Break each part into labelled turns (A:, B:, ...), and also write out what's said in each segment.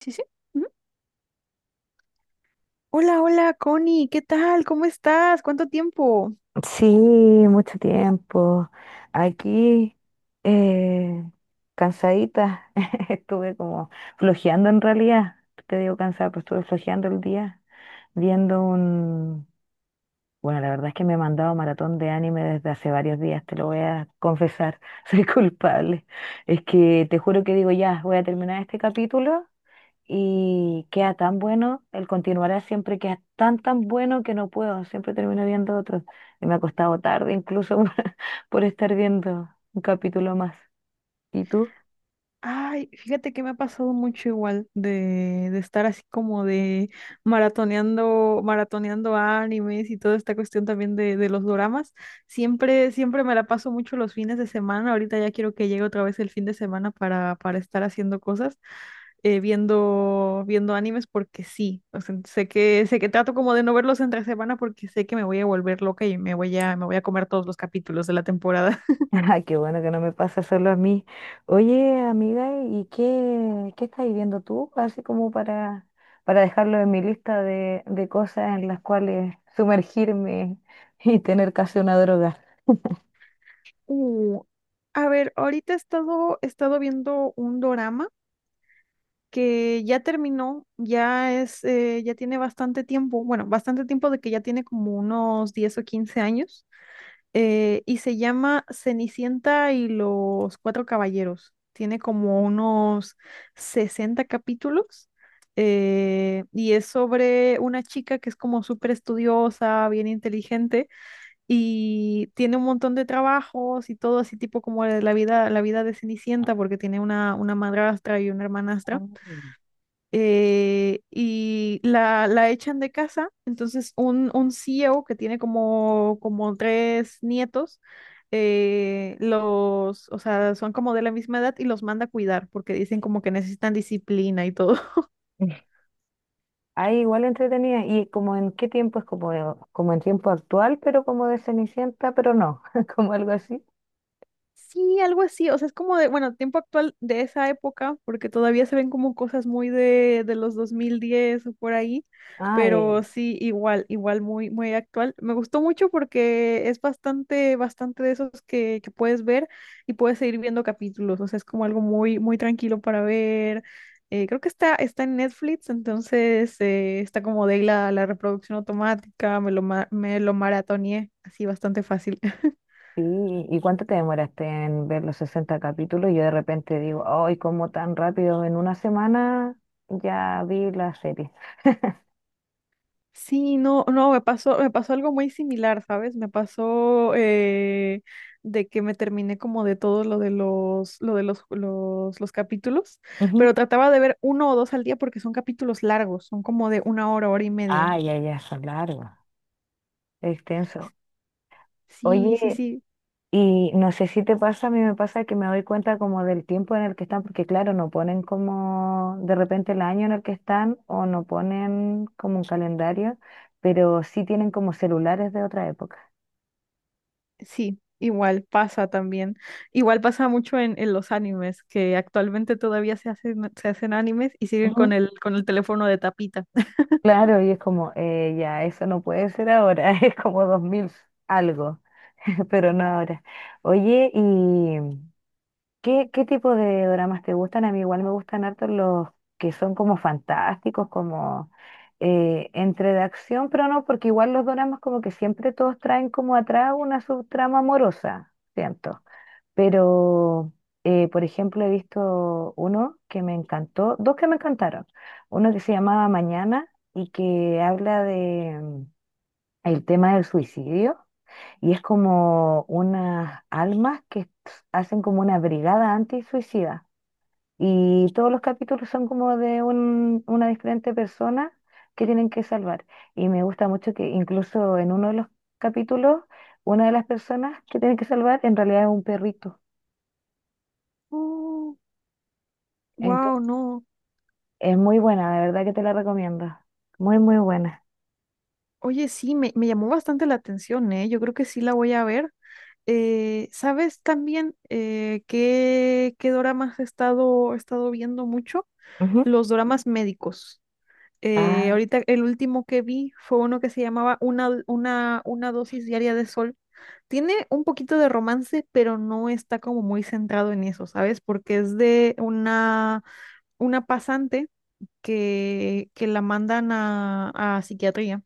A: Sí, sí. Ujú. Hola, hola, Connie, ¿qué tal? ¿Cómo estás? ¿Cuánto tiempo?
B: Sí, mucho tiempo. Aquí, eh, cansadita, estuve como flojeando en realidad. Te digo cansada, pero estuve flojeando el día viendo un... Bueno, la verdad es que me he mandado maratón de anime desde hace varios días, te lo voy a confesar, soy culpable. Es que te juro que digo, ya, voy a terminar este capítulo y queda tan bueno, el continuará siempre queda tan tan bueno que no puedo, siempre termino viendo otro. Y me ha costado tarde incluso por estar viendo un capítulo más. ¿Y tú?
A: Ay, fíjate que me ha pasado mucho igual de estar así como de maratoneando, maratoneando animes y toda esta cuestión también de los doramas. Siempre, siempre me la paso mucho los fines de semana. Ahorita ya quiero que llegue otra vez el fin de semana para estar haciendo cosas, viendo, viendo animes porque sí. O sea, sé que trato como de no verlos entre semana porque sé que me voy a volver loca y me voy a comer todos los capítulos de la temporada.
B: Ay, qué bueno que no me pasa solo a mí. Oye, amiga, ¿y qué estás viendo tú? Así como para dejarlo en mi lista de cosas en las cuales sumergirme y tener casi una droga.
A: Uh, a ver, ahorita he estado viendo un dorama que ya terminó, ya es, ya tiene bastante tiempo, bueno, bastante tiempo de que ya tiene como unos 10 o 15 años, y se llama Cenicienta y los Cuatro Caballeros. Tiene como unos 60 capítulos, y es sobre una chica que es como súper estudiosa, bien inteligente y tiene un montón de trabajos y todo así tipo como la vida, la vida de Cenicienta porque tiene una madrastra y una
B: Ah.
A: hermanastra. La echan de casa, entonces un CEO que tiene como, como tres nietos, o sea, son como de la misma edad y los manda a cuidar porque dicen como que necesitan disciplina y todo.
B: Ay, igual entretenida. ¿Y como en qué tiempo? Es como, como en tiempo actual, pero como de Cenicienta, pero no, como algo así.
A: Sí, algo así, o sea, es como de, bueno, tiempo actual de esa época, porque todavía se ven como cosas muy de los 2010 o por ahí,
B: Ah, ay,
A: pero sí, igual, igual muy, muy actual. Me gustó mucho porque es bastante, bastante de esos que puedes ver y puedes seguir viendo capítulos, o sea, es como algo muy, muy tranquilo para ver. Creo que está, está en Netflix, entonces está como de ahí la reproducción automática, me lo maratoneé así bastante fácil.
B: sí. ¿Y cuánto te demoraste en ver los 60 capítulos? Yo de repente digo, ay, ¿cómo tan rápido? En una semana ya vi la serie.
A: Sí, no, no, me pasó algo muy similar, ¿sabes? Me pasó de que me terminé como de todo lo de los capítulos,
B: Ujú.
A: pero trataba de ver uno o dos al día porque son capítulos largos, son como de una hora, hora y media.
B: Ay, ya, ya, son largos, extenso.
A: Sí, sí,
B: Oye,
A: sí,
B: y no sé si te pasa, a mí me pasa que me doy cuenta como del tiempo en el que están, porque claro, no ponen como de repente el año en el que están o no ponen como un calendario, pero sí tienen como celulares de otra época.
A: sí, igual pasa también. Igual pasa mucho en los animes, que actualmente todavía se hacen animes y siguen con
B: Ujú.
A: con el teléfono de tapita.
B: Claro, y es como, ya, eso no puede ser ahora, es como 2000 algo, pero no ahora. Oye, y ¿qué tipo de dramas te gustan? A mí igual me gustan harto los que son como fantásticos, como entre de acción, pero no, porque igual los dramas como que siempre todos traen como atrás una subtrama amorosa, siento. Pero, por ejemplo, he visto uno que me encantó, dos que me encantaron. Uno que se llamaba Mañana y que habla de el tema del suicidio y es como unas almas que hacen como una brigada antisuicida. Y todos los capítulos son como de una diferente persona que tienen que salvar. Y me gusta mucho que incluso en uno de los capítulos, una de las personas que tienen que salvar en realidad es un perrito.
A: Oh, wow,
B: Entonces,
A: no.
B: es muy buena, de verdad que te la recomiendo. Muy, muy buena.
A: Oye, sí, me llamó bastante la atención, ¿eh? Yo creo que sí la voy a ver. ¿Sabes también qué, qué doramas he estado viendo mucho?
B: Ujú.
A: Los doramas médicos.
B: Ah,
A: Ahorita el último que vi fue uno que se llamaba una dosis diaria de sol. Tiene un poquito de romance, pero no está como muy centrado en eso, ¿sabes? Porque es de una pasante que la mandan a psiquiatría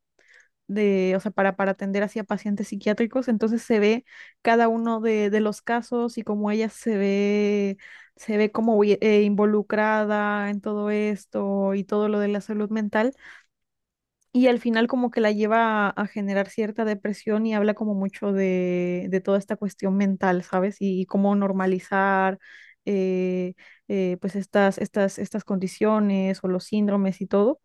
A: de, o sea, para atender hacia pacientes psiquiátricos, entonces se ve cada uno de los casos y cómo ella se ve como involucrada en todo esto y todo lo de la salud mental. Y al final como que la lleva a generar cierta depresión y habla como mucho de toda esta cuestión mental, ¿sabes? Y cómo normalizar eh, pues estas condiciones o los síndromes y todo.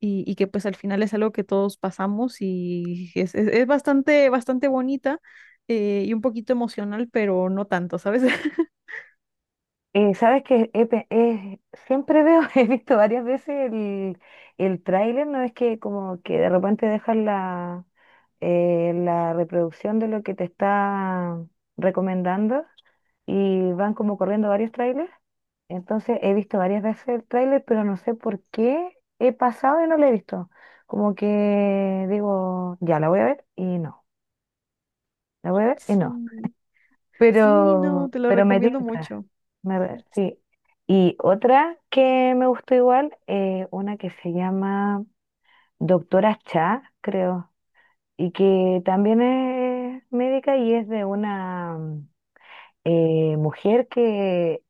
A: Y que pues al final es algo que todos pasamos y es bastante, bastante bonita, y un poquito emocional, pero no tanto, ¿sabes?
B: Sabes que siempre veo, he visto varias veces el tráiler, no es que como que de repente dejan la reproducción de lo que te está recomendando y van como corriendo varios trailers. Entonces he visto varias veces el tráiler, pero no sé por qué he pasado y no lo he visto. Como que digo, ya la voy a ver y no, la voy a ver y no.
A: Sí, sí, no,
B: Pero,
A: te lo
B: pero me
A: recomiendo
B: tinta.
A: mucho.
B: Sí. Y otra que me gustó igual, una que se llama Doctora Cha, creo, y que también es médica y es de una mujer que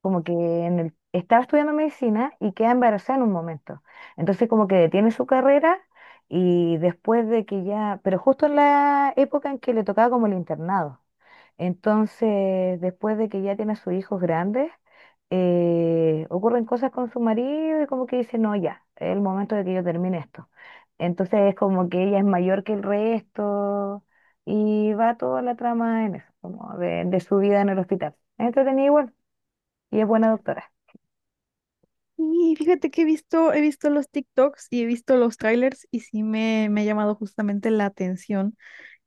B: como que estaba estudiando medicina y queda embarazada en un momento. Entonces como que detiene su carrera y después de que ya, pero justo en la época en que le tocaba como el internado. Entonces, después de que ya tiene a sus hijos grandes, ocurren cosas con su marido y como que dice, no, ya, es el momento de que yo termine esto. Entonces es como que ella es mayor que el resto y va toda la trama en eso, como de su vida en el hospital. Es entretenida igual. Y es buena doctora.
A: Y fíjate que he visto los TikToks y he visto los trailers y sí me ha llamado justamente la atención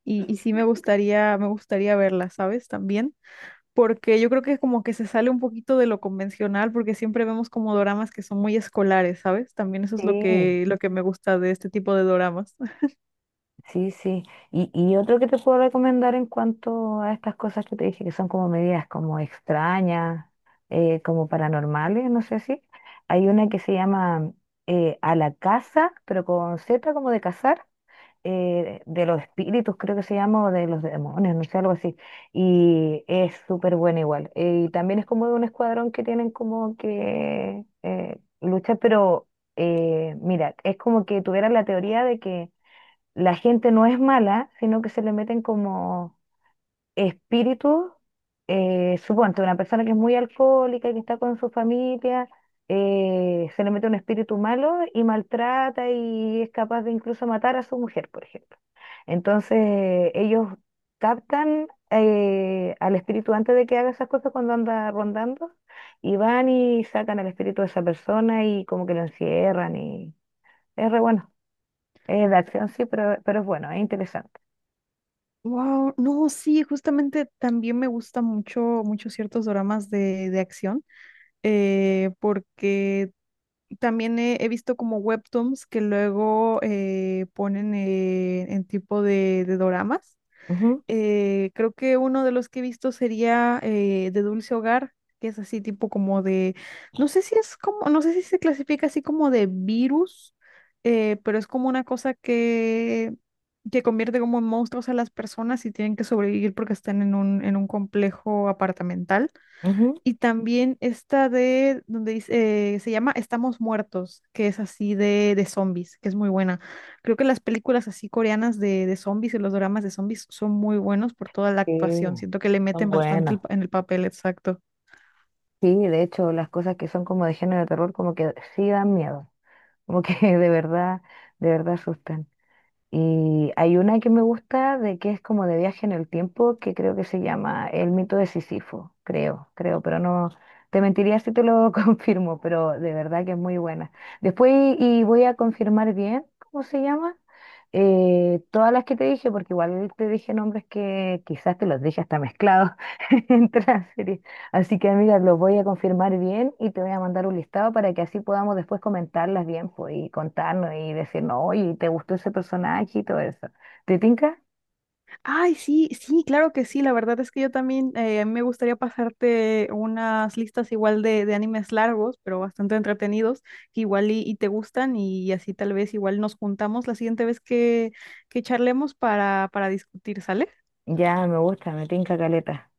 A: y sí me gustaría verla, ¿sabes? También, porque yo creo que como que se sale un poquito de lo convencional, porque siempre vemos como doramas que son muy escolares, ¿sabes? También eso es
B: Sí,
A: lo que me gusta de este tipo de doramas.
B: sí, sí. Y otro que te puedo recomendar en cuanto a estas cosas que te dije, que son como medidas como extrañas, como paranormales, no sé si. Hay una que se llama A la Casa, pero con Z como de cazar, de los espíritus, creo que se llama, o de los demonios, no sé, algo así. Y es súper buena igual. Y también es como de un escuadrón que tienen como que lucha, pero mira, es como que tuviera la teoría de que la gente no es mala, sino que se le meten como espíritus. Suponte, una persona que es muy alcohólica y que está con su familia, se le mete un espíritu malo y maltrata y es capaz de incluso matar a su mujer, por ejemplo. Entonces, ellos captan al espíritu antes de que haga esas cosas cuando anda rondando y van y sacan al espíritu de esa persona y como que lo encierran y es re bueno. Es de acción, sí, pero es bueno, es interesante.
A: Wow, no, sí, justamente también me gustan mucho, mucho ciertos dramas de acción, porque también he, he visto como webtoons que luego ponen en tipo de doramas.
B: Ujú,
A: Creo que uno de los que he visto sería de Dulce Hogar, que es así tipo como de, no sé si es como, no sé si se clasifica así como de virus, pero es como una cosa que convierte como en monstruos a las personas y tienen que sobrevivir porque están en un complejo apartamental.
B: ujú.
A: Y también esta de, donde dice, se llama Estamos Muertos, que es así de zombies, que es muy buena. Creo que las películas así coreanas de zombies y los dramas de zombies son muy buenos por toda la
B: Sí,
A: actuación. Siento que le
B: son
A: meten bastante
B: buenas.
A: en el papel, exacto.
B: Sí, de hecho, las cosas que son como de género de terror, como que sí dan miedo, como que de verdad asustan. Y hay una que me gusta de que es como de viaje en el tiempo, que creo que se llama El Mito de Sísifo, creo, creo, pero no te mentiría si te lo confirmo, pero de verdad que es muy buena. Después y voy a confirmar bien cómo se llama. Todas las que te dije, porque igual te dije nombres que quizás te los dije hasta mezclados entre las series. Así que, amiga, lo voy a confirmar bien y te voy a mandar un listado para que así podamos después comentarlas bien, pues, y contarnos y decirnos, oye, ¿te gustó ese personaje y todo eso? ¿Te tinca?
A: Ay, sí, sí, claro que sí. La verdad es que yo también, me gustaría pasarte unas listas igual de animes largos, pero bastante entretenidos, que igual y te gustan y así tal vez igual nos juntamos la siguiente vez que charlemos para discutir, ¿sale?
B: Ya, me gusta, me tinca caleta.